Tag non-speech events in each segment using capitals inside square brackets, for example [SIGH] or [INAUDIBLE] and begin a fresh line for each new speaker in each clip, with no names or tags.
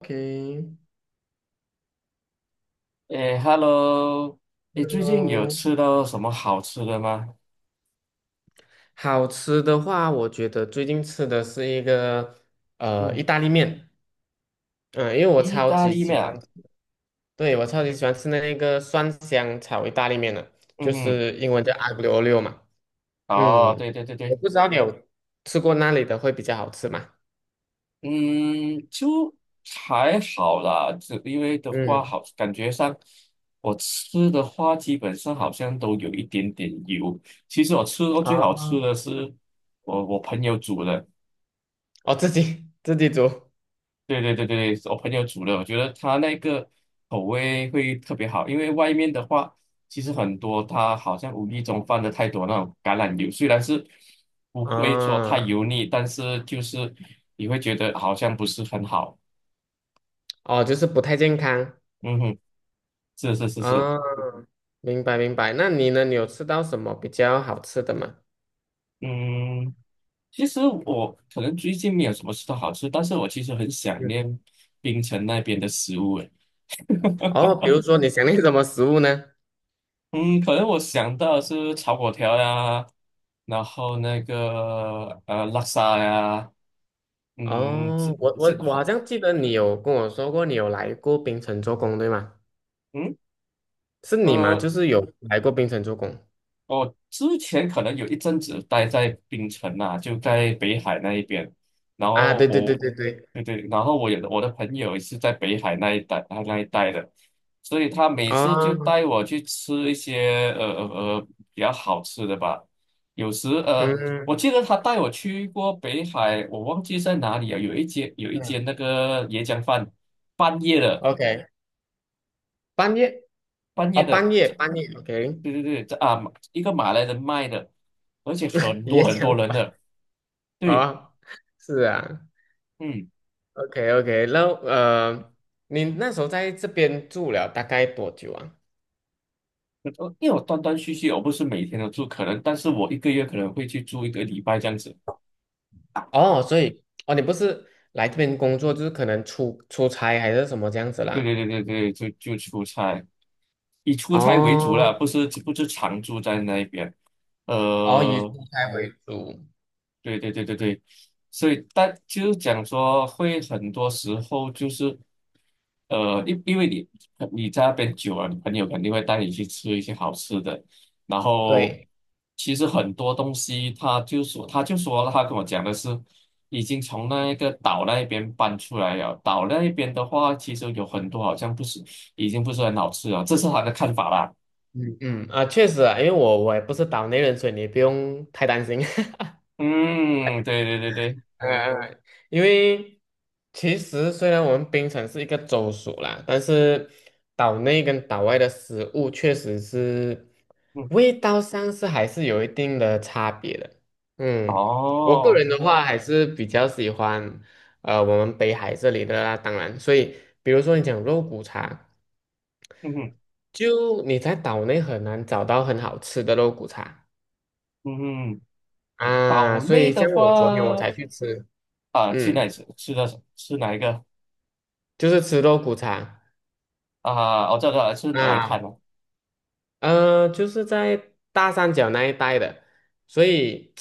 OK，
诶，Hello，
然
你最近有
后
吃到什么好吃的吗？
好吃的话，我觉得最近吃的是一个
嗯，
意大利面，嗯、因为我
意
超
大
级
利
喜
面
欢，
啊。
对，我超级喜欢吃那个蒜香炒意大利面的，
嗯
就
哼。
是英文叫 aglio o l i 嘛，
哦，
嗯，
对对对
我
对。
不知道你有吃过那里的会比较好吃嘛，
嗯，就还好啦，只因为的话
嗯，
好，感觉上我吃的话，基本上好像都有一点点油。其实我吃过最好吃
哦，
的是我朋友煮的。
哦，自己煮，
对对对对，我朋友煮的，我觉得他那个口味会特别好，因为外面的话，其实很多他好像无意中放的太多那种橄榄油，虽然是不会说太
啊，
油腻，但是就是你会觉得好像不是很好。
哦，就是不太健康，
嗯哼，是是是是。
啊，明白明白，那你呢？你有吃到什么比较好吃的吗？
嗯，其实我可能最近没有什么吃到好吃，但是我其实很想念槟城那边的食物。
哦，比如说你想念什么食物呢？
嗯，可能我想到的是炒粿条呀，然后那个拉萨呀。嗯，这
哦，我我
这
我好
好。
像记得你有跟我说过，你有来过槟城做工，对吗？
嗯
是你吗？就
呃
是有来过槟城做工
我之前可能有一阵子待在槟城啊，就在北海那一边，然
啊？
后
对对对
我，
对对，
对对，然后我的朋友也是在北海那一带那一带的，所以他每次就
哦，
带我去吃一些比较好吃的吧。有时我
嗯
记得他带我去过北海，我忘记在哪里了，有一间有一
嗯
间那个椰浆饭，半夜的
，OK，半夜
半
哦，
夜的。
半夜半夜，OK，
对对对，这啊，一个马来人卖的，而且
[LAUGHS]
很多
也
很
想
多人的。对。
哦，是啊
嗯，
，OK OK，那你那时候在这边住了大概多久啊？
呃因为我断断续续，我不是每天都住，可能，但是我一个月可能会去住一个礼拜这样子。
哦，所以哦，你不是来这边工作，就是可能出差还是什么这样子
对对
啦？
对对对，就就出差，以出差为主了，
哦
不是常住在那边。
哦，以
呃，
蔬菜为主。
对对对对对，所以但就是讲说，会很多时候就是，因为你在那边久了，你朋友肯定会带你去吃一些好吃的，然后
对，
其实很多东西，他就说了他跟我讲的是，已经从那个岛那边搬出来了，岛那边的话，其实有很多好像不是已经不是很好吃了，这是他的看法啦。
嗯嗯啊，确实啊，因为我也不是岛内人，所以你不用太担心。[LAUGHS]
嗯，对对对对。
嗯嗯因为其实虽然我们槟城是一个州属啦，但是岛内跟岛外的食物确实是
嗯。
味道上是还是有一定的差别的。嗯，我个
哦。
人的话还是比较喜欢我们北海这里的啦，当然，所以比如说你讲肉骨茶。
嗯哼。
就你在岛内很难找到很好吃的肉骨茶
嗯哼。
啊，
岛
所
内
以
的
像
话，
我昨天我才去吃，
啊，去哪
嗯，
里吃吃的吃哪一个
就是吃肉骨茶
啊？我知道是吃哪一
啊，
摊了？
就是在大三角那一带的，所以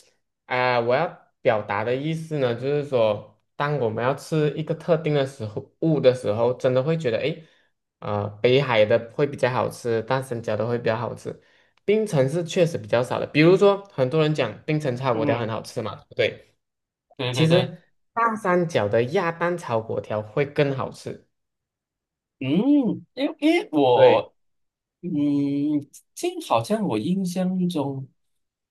啊、我要表达的意思呢，就是说，当我们要吃一个特定的食物的时候，真的会觉得，诶，北海的会比较好吃，大三角的会比较好吃，槟城是确实比较少的，比如说很多人讲槟城炒粿条很
嗯，
好吃嘛，对不对？
对对
其
对。
实大三角的鸭蛋炒粿条会更好吃。
嗯，因为
对，
我。嗯，这好像我印象中，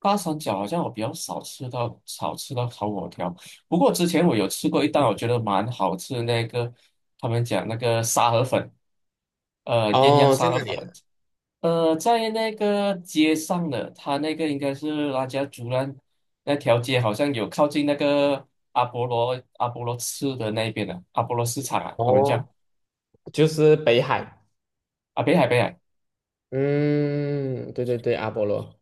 八三角好像我比较少吃到烤火条，不过之前我有吃过一道，
嗯
我觉得蛮好吃的那个，他们讲那个沙河粉。鸳鸯
哦，在
沙河
那里
粉。
啊
在那个街上的，他那个应该是拉加竹兰那条街，好像有靠近那个阿波罗市的那边的阿波罗市场啊，他们叫
哦，就是北海。
啊。北海，北海，
嗯，对对对，阿波罗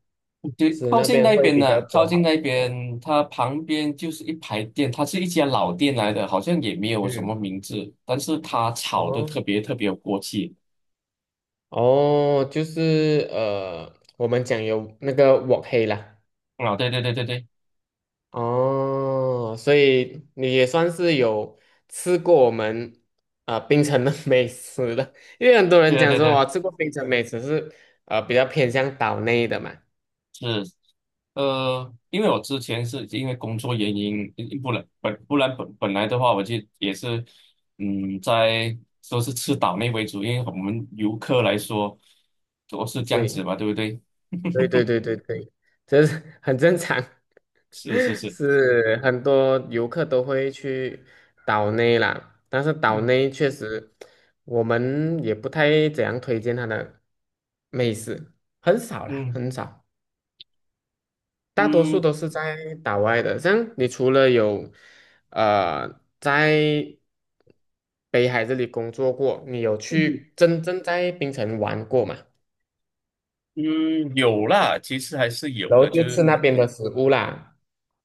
对，
是
靠
那
近
边
那
会
边
比较
的，靠
多
近
好
那
吃的。
边，它旁边就是一排店，它是一家老店来的，好像也没有什么
嗯，
名字，但是它炒的
哦
特别特别有锅气
哦，就是我们讲有那个锅黑啦。
啊。对对对对对
哦，所以你也算是有吃过我们啊、槟城的 [LAUGHS] 美食了，因为很多人
对
讲
对对
说
对。
我吃过槟城美食是比较偏向岛内的嘛，
是，因为我之前是因为工作原因，不然本不然本本来的话，我就也是。嗯，在都是吃岛内为主，因为我们游客来说，都是这样子
对，
嘛，对不对？
对对对对对，这是很正常，
是是
[LAUGHS]
是。
是很多游客都会去岛内啦，但是岛
嗯
内确实我们也不太怎样推荐它的美食，很少啦，
嗯
很少。大多数
嗯
都是在岛外的，像你除了有在北海这里工作过，你有去真正在槟城玩过吗？
嗯，有啦，其实还是有
然后
的，就
就吃
是。
那边的食物啦，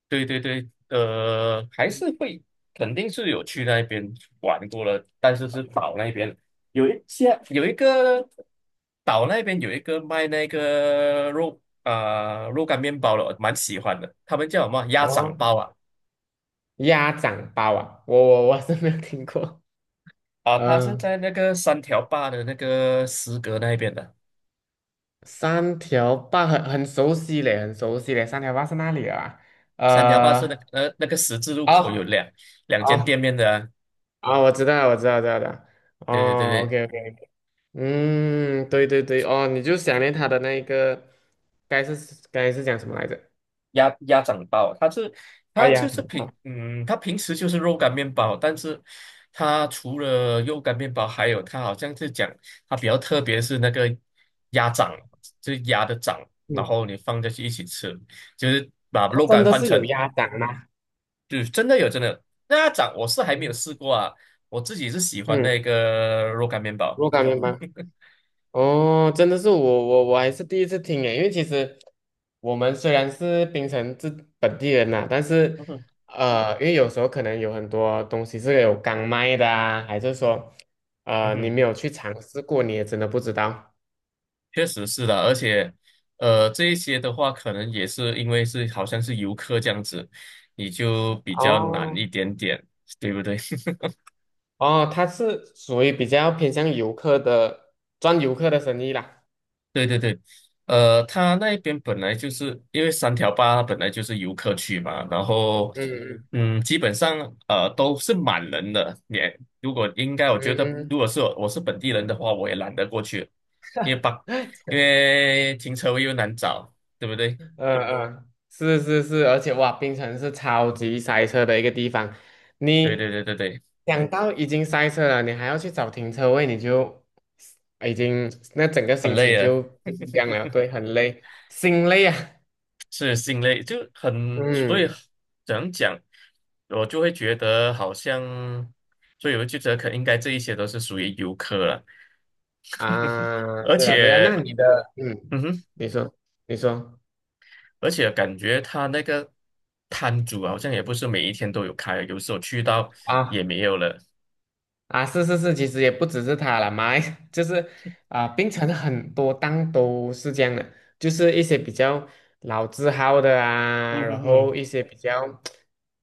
对对对。还是会，肯定是有去那边玩过了，但是是岛那边有一些有一个岛那边有一个卖那个肉啊、肉干面包的，我蛮喜欢的，他们叫什么鸭掌
哦，
包啊。
鸭掌包啊，我是没有听过，[LAUGHS]
啊，它是
嗯，
在那个三条坝的那个石阁那边的。
三条坝很熟悉嘞，很熟悉嘞，三条坝是哪里啊？
三条坝是那
呃，
那个十字路口有
哦
两间店
哦
面的啊。
哦，我知道了，我知道，知道的，
对对对
哦
对，
，OK OK。嗯，对对对，哦，你就想念他的那一个，该是该是讲什么来着？
鸭掌包啊，它是
哎呀，想不到
它平时就是肉干面包，但是它除了肉干面包，还有它好像是讲它比较特别是那个鸭掌，就是鸭的掌，然
嗯，
后你放进去一起吃，就是把
他
肉
真
干
的
换
是
成，
有鸭掌吗？
就是真的有真的那鸭掌，我是还没有
嗯，
试过啊，我自己是喜欢那
嗯
个肉干面包。
若干面吗？哦，真的是我还是第一次听诶，因为其实我们虽然是槟城这本地人呐、但是
嗯哼。
因为有时候可能有很多东西是有刚卖的啊，还是说
嗯
你
哼。
没有去尝试过，你也真的不知道。
确实是的，而且，这一些的话，可能也是因为是好像是游客这样子，你就比较难
哦
一点点，对不对？[LAUGHS]
哦，它是属于比较偏向游客的，赚游客的生意啦。
对对对。他那边本来就是因为三条坝它本来就是游客区嘛，然后，
嗯嗯
嗯，基本上都是满人的。也如果应该，我觉得
嗯，
如果是我是本地人的话，我也懒得过去，因为把
[LAUGHS]
因为停车位又难找，对不对？
嗯嗯，是是是，而且哇，槟城是超级塞车的一个地方。
对
你
对对对对，
想到已经塞车了，你还要去找停车位，你就已经那整个
很
心情
累啊。
就不一样了，对，很累，心累啊。
是心累，就很，所以
嗯
怎样讲，我就会觉得好像，所以我就觉得可应该这一些都是属于游客了，
啊，
而
对了对了，那
且，
你的嗯，
嗯哼，
你说你说
而且感觉他那个摊主啊好像也不是每一天都有开，有时候去到也
啊。
没有了。
啊，是是是，其实也不只是他了，马来 [LAUGHS] 就是啊、槟城很多档都是这样的，就是一些比较老字号的啊，
嗯
然
哼哼。
后一些比较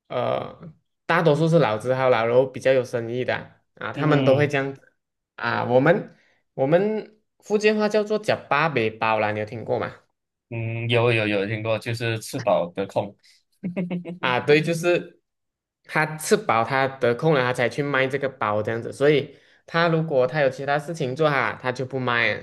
呃，大多数是老字号啦，然后比较有生意的啊，啊
嗯
他们都会
哼。
这样子啊。我们福建话叫做“叫八北包”啦，你有听过吗？
嗯，有有有听过，就是吃饱得空。
啊，对，就是他吃饱，他得空了，他才去卖这个包这样子。所以他如果他有其他事情做哈，他就不卖啊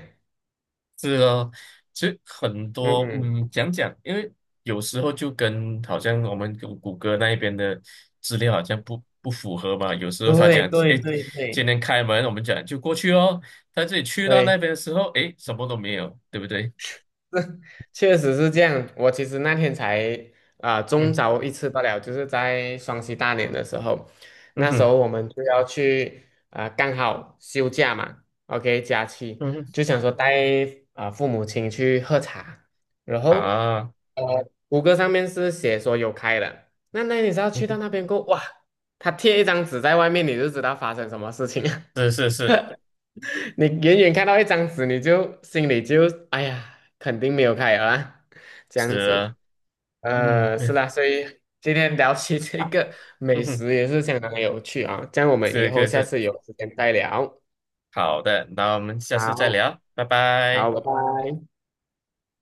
是哦，其实很多
嗯，
嗯，讲讲，因为有时候就跟好像我们谷歌那一边的资料好像不符合嘛。有时候他
对
讲，
对
哎，
对
今
对
天开门，我们讲就过去哦。他自己去到那
对，
边的时候，哎，什么都没有，对不对？
是确实是这样。我其实那天才啊、中
嗯
招一次罢了，就是在双十大年的时候，
嗯
那时
哼。
候我们就要去啊、刚好休假嘛，OK 假期，
嗯哼
就想说带啊、父母亲去喝茶，然后
啊。
呃谷歌上面是写说有开的，那你知道
嗯
去到
哼。
那边过后哇，他贴一张纸在外面，你就知道发生什么事情啊
是是是
你远远看到一张纸，你就心里就哎呀，肯定没有开了啊，这样
是
子。
啊。嗯没有。
是啦，所以今天聊起这个美
嗯哼，
食也是相当有趣啊，这样我们以
是可
后
以
下
是
次有时间再聊。
好的，那我们下次再
好，
聊，拜
好，
拜。
拜拜。